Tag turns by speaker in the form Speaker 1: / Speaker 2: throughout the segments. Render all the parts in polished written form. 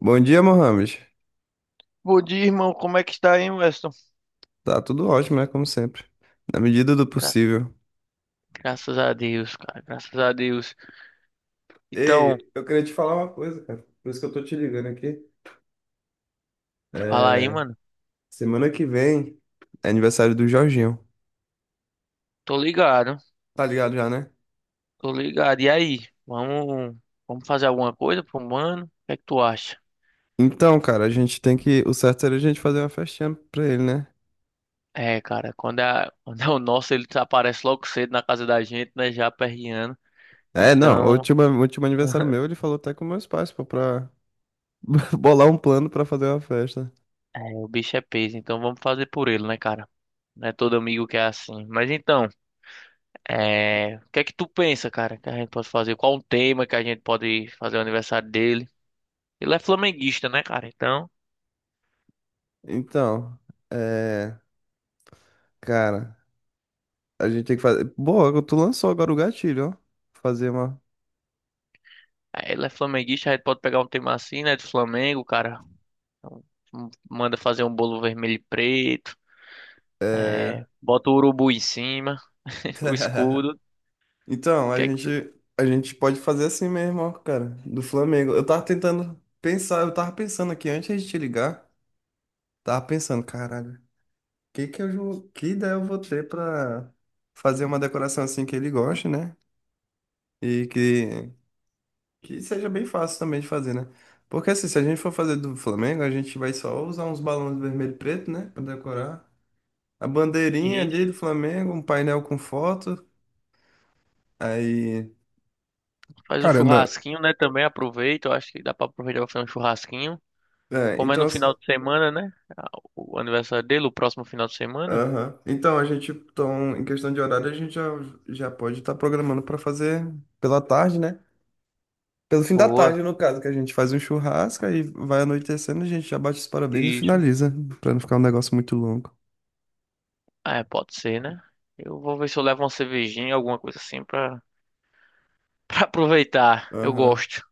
Speaker 1: Bom dia, Mohamed.
Speaker 2: Bom dia, irmão. Como é que está aí, Weston?
Speaker 1: Tá tudo ótimo, né? Como sempre. Na medida do
Speaker 2: Gra-
Speaker 1: possível.
Speaker 2: Graças a Deus, cara. Graças a Deus. Então,
Speaker 1: Ei, eu queria te falar uma coisa, cara. Por isso que eu tô te ligando aqui.
Speaker 2: fala aí,
Speaker 1: É...
Speaker 2: mano.
Speaker 1: Semana que vem é aniversário do Jorginho.
Speaker 2: Tô ligado.
Speaker 1: Tá ligado já, né?
Speaker 2: Tô ligado. E aí? Vamos fazer alguma coisa pro mano? O que é que tu acha?
Speaker 1: Então, cara, a gente tem que. O certo seria a gente fazer uma festinha pra ele, né?
Speaker 2: É, cara, quando é, quando é o nosso, ele aparece logo cedo na casa da gente, né? Já perreando.
Speaker 1: É, não. O
Speaker 2: Então,
Speaker 1: último, o último aniversário meu, ele falou até com meus pais, pô, pra bolar um plano pra fazer uma festa.
Speaker 2: é, o bicho é peso. Então vamos fazer por ele, né, cara? Não é todo amigo que é assim. Mas então, o que é que tu pensa, cara, que a gente pode fazer? Qual o tema que a gente pode fazer o aniversário dele? Ele é flamenguista, né, cara? Então,
Speaker 1: Então, é. Cara, a gente tem que fazer. Boa, tu lançou agora o gatilho, ó. Fazer uma.
Speaker 2: ele é flamenguista, a gente pode pegar um tema assim, né, de Flamengo, cara. Então, manda fazer um bolo vermelho e preto,
Speaker 1: É.
Speaker 2: bota o urubu em cima, o escudo,
Speaker 1: Então, a
Speaker 2: que é que tu-
Speaker 1: gente, a gente pode fazer assim mesmo, ó, cara, do Flamengo. Eu tava tentando pensar, eu tava pensando aqui antes de te ligar, tava pensando, caralho, que ideia eu vou ter pra fazer uma decoração assim que ele goste, né? E que, que seja bem fácil também de fazer, né? Porque assim, se a gente for fazer do Flamengo, a gente vai só usar uns balões vermelho e preto, né, pra decorar. A bandeirinha
Speaker 2: e
Speaker 1: ali do Flamengo, um painel com foto, aí...
Speaker 2: faz um
Speaker 1: Cara,
Speaker 2: churrasquinho, né, também aproveita. Eu acho que dá pra aproveitar pra fazer um churrasquinho.
Speaker 1: é,
Speaker 2: Como é
Speaker 1: então,
Speaker 2: no final
Speaker 1: assim,
Speaker 2: de semana, né, a- o aniversário dele, o próximo final de semana.
Speaker 1: aham. Então, a gente, então, em questão de horário, a gente já pode estar programando para fazer pela tarde, né? Pelo fim da
Speaker 2: Boa,
Speaker 1: tarde, no caso, que a gente faz um churrasco e vai anoitecendo, a gente já bate os parabéns e
Speaker 2: isso.
Speaker 1: finaliza, para não ficar um negócio muito longo.
Speaker 2: Ah, é, pode ser, né? Eu vou ver se eu levo uma cervejinha, alguma coisa assim pra, pra aproveitar. Eu
Speaker 1: Aham.
Speaker 2: gosto.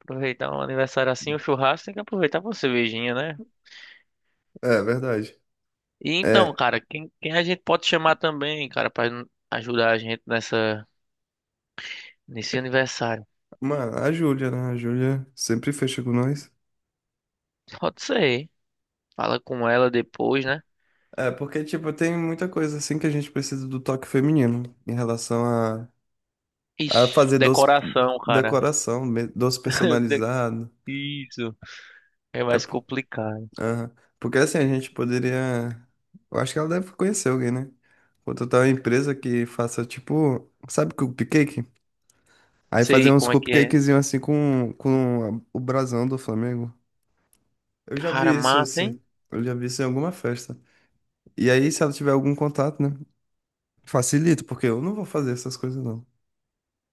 Speaker 2: Aproveitar um aniversário assim, um churrasco, tem que aproveitar com uma cervejinha, né?
Speaker 1: É, verdade.
Speaker 2: E então,
Speaker 1: É,
Speaker 2: cara, quem a gente pode chamar também, cara, pra ajudar a gente nessa, nesse aniversário?
Speaker 1: mano, a Júlia, né? A Júlia sempre fecha com nós.
Speaker 2: Pode ser. Fala com ela depois, né?
Speaker 1: É, porque, tipo, tem muita coisa assim que a gente precisa do toque feminino a
Speaker 2: Ixi,
Speaker 1: fazer doce,
Speaker 2: decoração, cara.
Speaker 1: doce
Speaker 2: De-
Speaker 1: personalizado.
Speaker 2: Isso. É
Speaker 1: É,
Speaker 2: mais complicado.
Speaker 1: aham. Porque assim, a gente poderia. Eu acho que ela deve conhecer alguém, né? Contratar uma empresa que faça tipo. Sabe cupcake? Aí fazer
Speaker 2: Sei
Speaker 1: uns
Speaker 2: como é que é.
Speaker 1: cupcakezinhos assim com o brasão do Flamengo. Eu já
Speaker 2: Cara,
Speaker 1: vi isso
Speaker 2: mata, hein?
Speaker 1: assim. Eu já vi isso em alguma festa. E aí, se ela tiver algum contato, né? Facilita, porque eu não vou fazer essas coisas não.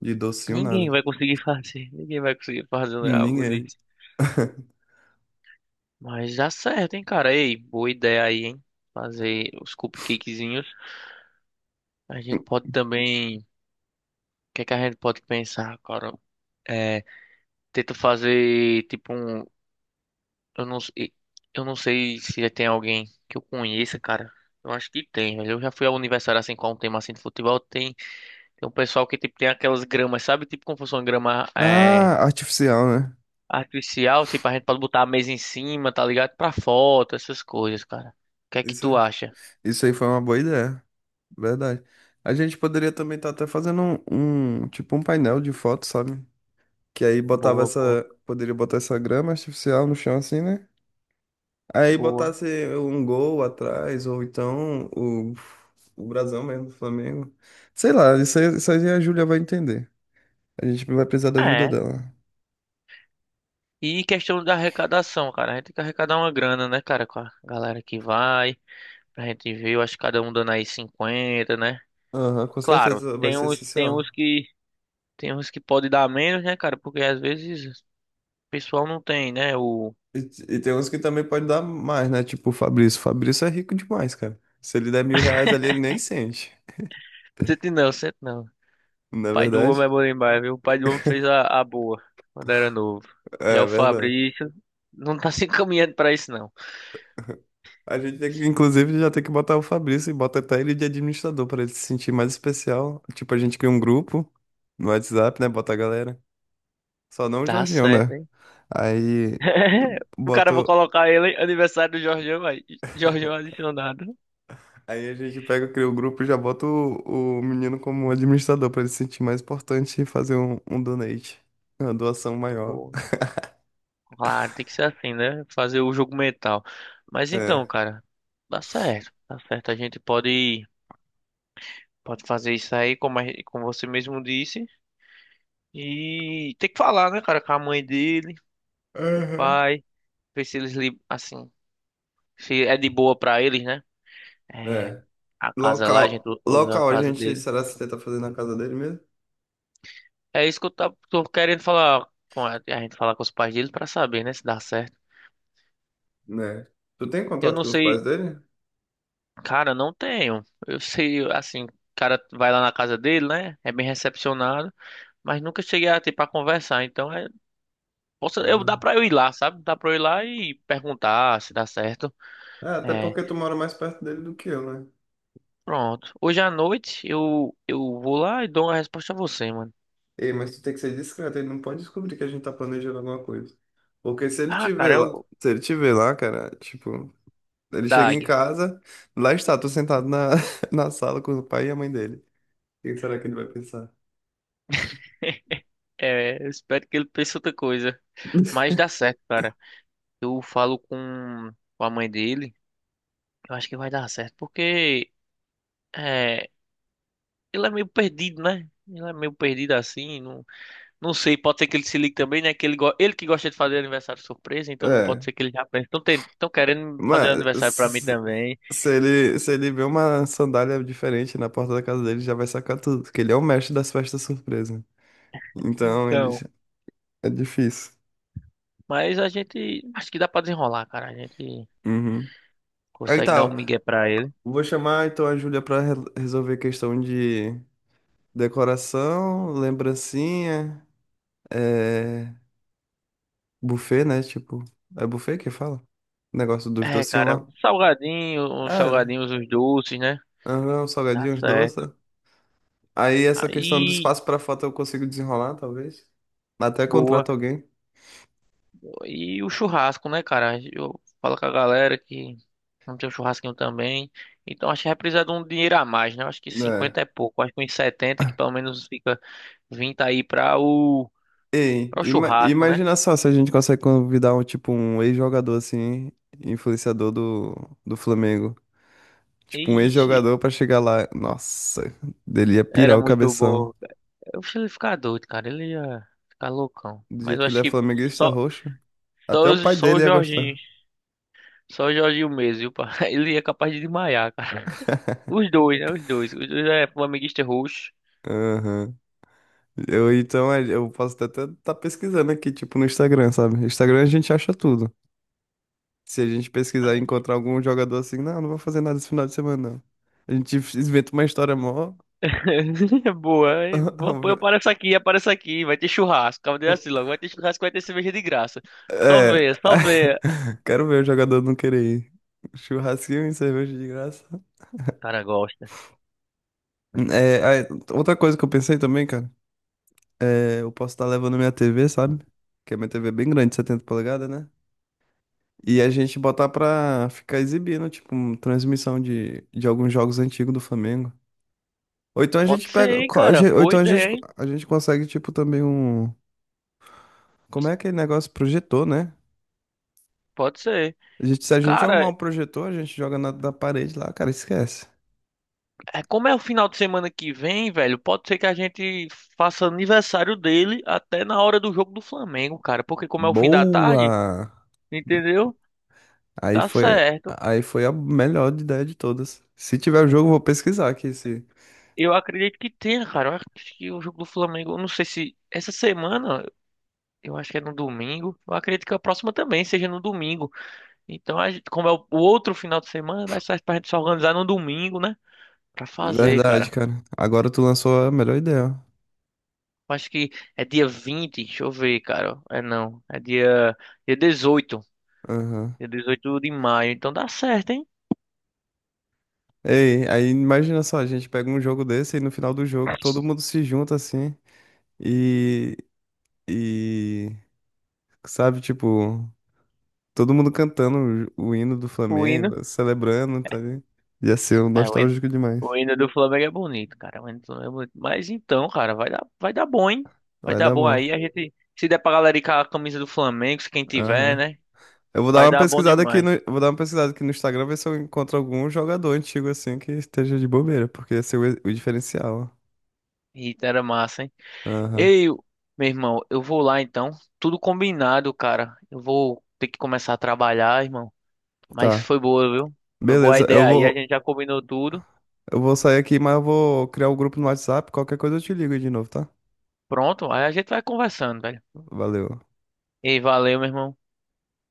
Speaker 1: De docinho, nada.
Speaker 2: Ninguém vai conseguir fazer. Ninguém vai conseguir fazer um algo
Speaker 1: Ninguém.
Speaker 2: disso. Mas dá certo, hein, cara? Ei, boa ideia aí, hein? Fazer os cupcakezinhos. A gente pode também. Que é que a gente pode pensar, cara? É, tento fazer tipo um, eu não, sei- eu não sei se tem alguém que eu conheça, cara. Eu acho que tem, mas eu já fui ao aniversário assim com um tema assim de futebol, tem um pessoal que tipo tem aquelas gramas, sabe? Tipo como fosse uma grama
Speaker 1: Ah, artificial, né?
Speaker 2: artificial, assim, pra gente pode botar a mesa em cima, tá ligado? Pra foto, essas coisas, cara. O que é que
Speaker 1: Isso.
Speaker 2: tu acha?
Speaker 1: Isso aí foi uma boa ideia. Verdade. A gente poderia também estar até fazendo tipo um painel de fotos, sabe? Que aí botava
Speaker 2: Boa,
Speaker 1: essa,
Speaker 2: boa,
Speaker 1: poderia botar essa grama artificial no chão assim, né? Aí
Speaker 2: boa.
Speaker 1: botasse um gol atrás ou então o brasão mesmo do Flamengo. Sei lá, isso aí a Júlia vai entender. A gente vai precisar da ajuda
Speaker 2: É.
Speaker 1: dela.
Speaker 2: E questão da arrecadação, cara. A gente tem que arrecadar uma grana, né, cara, com a galera que vai. Pra gente ver, eu acho que cada um dando aí 50, né?
Speaker 1: Aham, com
Speaker 2: Claro,
Speaker 1: certeza vai
Speaker 2: tem
Speaker 1: ser
Speaker 2: uns, tem uns
Speaker 1: essencial.
Speaker 2: que, tem uns que pode dar menos, né, cara? Porque às vezes o pessoal não tem, né? O.
Speaker 1: E, e tem uns que também pode dar mais, né? Tipo o Fabrício. O Fabrício é rico demais, cara. Se ele der 1.000 reais ali, ele nem sente.
Speaker 2: Sente não, sente não.
Speaker 1: Na
Speaker 2: Pai do homem é
Speaker 1: verdade,
Speaker 2: bom demais, viu? O pai do homem fez a boa quando era novo.
Speaker 1: é
Speaker 2: Já
Speaker 1: é
Speaker 2: o
Speaker 1: verdade.
Speaker 2: Fabrício não tá se encaminhando pra isso, não.
Speaker 1: A gente tem que, inclusive, já tem que botar o Fabrício e bota até ele de administrador para ele se sentir mais especial. Tipo, a gente cria um grupo no WhatsApp, né? Bota a galera. Só não o
Speaker 2: Dá
Speaker 1: Jorginho,
Speaker 2: certo,
Speaker 1: né?
Speaker 2: hein?
Speaker 1: Aí
Speaker 2: O cara, eu vou
Speaker 1: botou.
Speaker 2: colocar ele, hein? Aniversário do Jorgão, aí. Jorgão adicionado.
Speaker 1: Aí a gente pega, cria o grupo e já bota o menino como administrador para ele se sentir mais importante e fazer um donate. Uma doação maior.
Speaker 2: Boa. Claro, tem que ser assim, né? Fazer o jogo mental. Mas então,
Speaker 1: É.
Speaker 2: cara, dá certo, dá certo. A gente pode fazer isso aí, como, como você mesmo disse. E tem que falar, né, cara, com a mãe dele, com o
Speaker 1: Aham.
Speaker 2: pai, ver se eles, assim, se é de boa pra eles, né? É,
Speaker 1: É.
Speaker 2: a casa lá, a gente
Speaker 1: Local.
Speaker 2: usa a
Speaker 1: Local a
Speaker 2: casa
Speaker 1: gente,
Speaker 2: dele.
Speaker 1: será que tenta fazer na casa dele mesmo?
Speaker 2: É isso que eu tô querendo falar com a gente falar com os pais dele pra saber, né, se dá certo.
Speaker 1: Né? Tu tem
Speaker 2: Eu
Speaker 1: contato
Speaker 2: não
Speaker 1: com os pais
Speaker 2: sei.
Speaker 1: dele?
Speaker 2: Cara, não tenho. Eu sei, assim, o cara vai lá na casa dele, né? É bem recepcionado, mas nunca cheguei a ter pra conversar. Então, posso, eu
Speaker 1: Ah.
Speaker 2: dá pra eu ir lá, sabe? Dá pra eu ir lá e perguntar se dá certo.
Speaker 1: Ah, até
Speaker 2: É,
Speaker 1: porque tu mora mais perto dele do que eu, né?
Speaker 2: pronto. Hoje à noite eu vou lá e dou uma resposta a você, mano.
Speaker 1: Ei, mas tu tem que ser discreto, ele não pode descobrir que a gente tá planejando alguma coisa. Porque se ele
Speaker 2: Ah,
Speaker 1: te ver
Speaker 2: cara,
Speaker 1: lá,
Speaker 2: eu
Speaker 1: se ele te ver lá, cara, tipo, ele
Speaker 2: da
Speaker 1: chega em
Speaker 2: Águia.
Speaker 1: casa, lá está tu sentado na, na sala com o pai e a mãe dele. O que será que ele vai pensar?
Speaker 2: Eu espero que ele pense outra coisa, mas dá certo, cara. Eu falo com a mãe dele. Eu acho que vai dar certo, porque é, Ele é meio perdido, né? Ele é meio perdido assim, não, não sei, pode ser que ele se ligue também, né? Que ele que gosta de fazer aniversário surpresa, então pode
Speaker 1: É,
Speaker 2: ser que ele já pense, estão querendo fazer
Speaker 1: mas
Speaker 2: aniversário pra mim
Speaker 1: s-
Speaker 2: também.
Speaker 1: se ele vê uma sandália diferente na porta da casa dele, já vai sacar tudo, porque ele é o mestre das festas surpresa. Então, ele
Speaker 2: Então,
Speaker 1: é difícil.
Speaker 2: mas a gente, acho que dá pra desenrolar, cara, a gente
Speaker 1: Uhum. Aí
Speaker 2: consegue dar um
Speaker 1: tá,
Speaker 2: migué pra ele.
Speaker 1: vou chamar então a Júlia pra resolver questão de decoração, lembrancinha, é... buffet, né? Tipo, é buffet que fala? Negócio dos docinhos
Speaker 2: Cara,
Speaker 1: lá.
Speaker 2: salgadinho, uns
Speaker 1: É,
Speaker 2: salgadinhos, uns doces, né?
Speaker 1: aham, os
Speaker 2: Dá
Speaker 1: salgadinhos,
Speaker 2: certo.
Speaker 1: doces. Aí essa questão do
Speaker 2: Aí,
Speaker 1: espaço pra foto eu consigo desenrolar, talvez. Até
Speaker 2: boa.
Speaker 1: contrato alguém.
Speaker 2: E o churrasco, né, cara? Eu falo com a galera que não tem um churrasquinho também. Então acho que vai precisar de um dinheiro a mais, né? Eu acho que
Speaker 1: Né?
Speaker 2: 50 é pouco. Acho que uns 70, que pelo menos fica 20 aí pra o,
Speaker 1: E
Speaker 2: pra o churrasco, né?
Speaker 1: imagina só se a gente consegue convidar um tipo um ex-jogador assim, influenciador do Flamengo. Tipo, um
Speaker 2: Ixi,
Speaker 1: ex-jogador pra chegar lá. Nossa, dele ia pirar
Speaker 2: era
Speaker 1: o
Speaker 2: muito
Speaker 1: cabeção.
Speaker 2: bom. Eu acho que ele ia ficar doido, cara. Ele ia ficar loucão.
Speaker 1: Do
Speaker 2: Mas
Speaker 1: jeito
Speaker 2: eu
Speaker 1: que ele
Speaker 2: acho
Speaker 1: é
Speaker 2: que
Speaker 1: flamenguista
Speaker 2: só,
Speaker 1: roxo.
Speaker 2: só,
Speaker 1: Até o
Speaker 2: os-
Speaker 1: pai
Speaker 2: só
Speaker 1: dele
Speaker 2: o
Speaker 1: ia
Speaker 2: Jorginho.
Speaker 1: gostar.
Speaker 2: Só o Jorginho mesmo, viu? Pá? Ele é capaz de desmaiar, cara. Os dois, né? Os dois. Os dois é um amiguista roxo.
Speaker 1: Aham. Eu, então, é, eu posso até estar pesquisando aqui, tipo, no Instagram, sabe? No Instagram a gente acha tudo. Se a gente pesquisar e encontrar algum jogador assim, não, não vou fazer nada esse final de semana, não. A gente inventa uma história mó.
Speaker 2: Boa, hein? Eu apareço aqui, vai ter churrasco. Acaba de assim logo, vai ter churrasco, vai ter cerveja de graça. Só
Speaker 1: É.
Speaker 2: vê, só vê.
Speaker 1: Quero ver o jogador não querer ir. Churrasquinho e cerveja de graça.
Speaker 2: Cara, gosta.
Speaker 1: É, aí, outra coisa que eu pensei também, cara. É, eu posso estar levando minha TV, sabe? Que a minha TV é bem grande, 70 polegadas, né? E a gente botar pra ficar exibindo, tipo, transmissão de alguns jogos antigos do Flamengo.
Speaker 2: Pode ser, hein, cara.
Speaker 1: Ou
Speaker 2: Boa
Speaker 1: então
Speaker 2: ideia, hein?
Speaker 1: a gente consegue, tipo, também um. Como é aquele negócio? Projetor, né?
Speaker 2: Pode ser.
Speaker 1: Se a gente arrumar
Speaker 2: Cara,
Speaker 1: um projetor, a gente joga na, da parede lá, cara, esquece.
Speaker 2: como é o final de semana que vem, velho, pode ser que a gente faça aniversário dele até na hora do jogo do Flamengo, cara. Porque como é o fim da
Speaker 1: Boa!
Speaker 2: tarde, entendeu? Dá certo.
Speaker 1: Aí foi a melhor ideia de todas. Se tiver o jogo, eu vou pesquisar aqui esse.
Speaker 2: Eu acredito que tenha, cara. Eu acho que o jogo do Flamengo, eu não sei se essa semana. Eu acho que é no domingo. Eu acredito que a próxima também seja no domingo. Então, como é o outro final de semana, dá certo pra gente se organizar no domingo, né? Pra fazer,
Speaker 1: Verdade,
Speaker 2: cara.
Speaker 1: cara. Agora tu lançou a melhor ideia.
Speaker 2: Eu acho que é dia 20, deixa eu ver, cara. É não, é dia 18,
Speaker 1: Aham.
Speaker 2: dia 18 de maio. Então dá certo, hein?
Speaker 1: Ei, aí imagina só, a gente pega um jogo desse e no final do jogo todo mundo se junta assim e, e sabe, tipo, todo mundo cantando o hino do
Speaker 2: O hino.
Speaker 1: Flamengo, celebrando, tá ligado? Ia ser um
Speaker 2: É, o hino,
Speaker 1: nostálgico demais.
Speaker 2: o hino, do Flamengo é bonito, cara. O hino do Flamengo é bonito. Mas então, cara, vai dar bom, hein? Vai
Speaker 1: Vai
Speaker 2: dar
Speaker 1: dar
Speaker 2: bom
Speaker 1: bom.
Speaker 2: aí. A gente, se der pra galera ir com a camisa do Flamengo, se quem tiver,
Speaker 1: Aham.
Speaker 2: né? Vai dar bom demais.
Speaker 1: Eu vou dar uma pesquisada aqui no Instagram ver se eu encontro algum jogador antigo assim que esteja de bobeira, porque ia ser o diferencial.
Speaker 2: Eita, era massa, hein?
Speaker 1: Ó. Aham.
Speaker 2: Ei, meu irmão, eu vou lá então. Tudo combinado, cara. Eu vou ter que começar a trabalhar, irmão. Mas
Speaker 1: Tá.
Speaker 2: foi boa, viu? Foi boa a
Speaker 1: Beleza,
Speaker 2: ideia
Speaker 1: eu
Speaker 2: aí. A
Speaker 1: vou.
Speaker 2: gente já combinou tudo.
Speaker 1: Eu vou sair aqui, mas eu vou criar o grupo no WhatsApp. Qualquer coisa eu te ligo aí de novo, tá?
Speaker 2: Pronto, aí a gente vai conversando, velho.
Speaker 1: Valeu.
Speaker 2: Ei, valeu, meu irmão.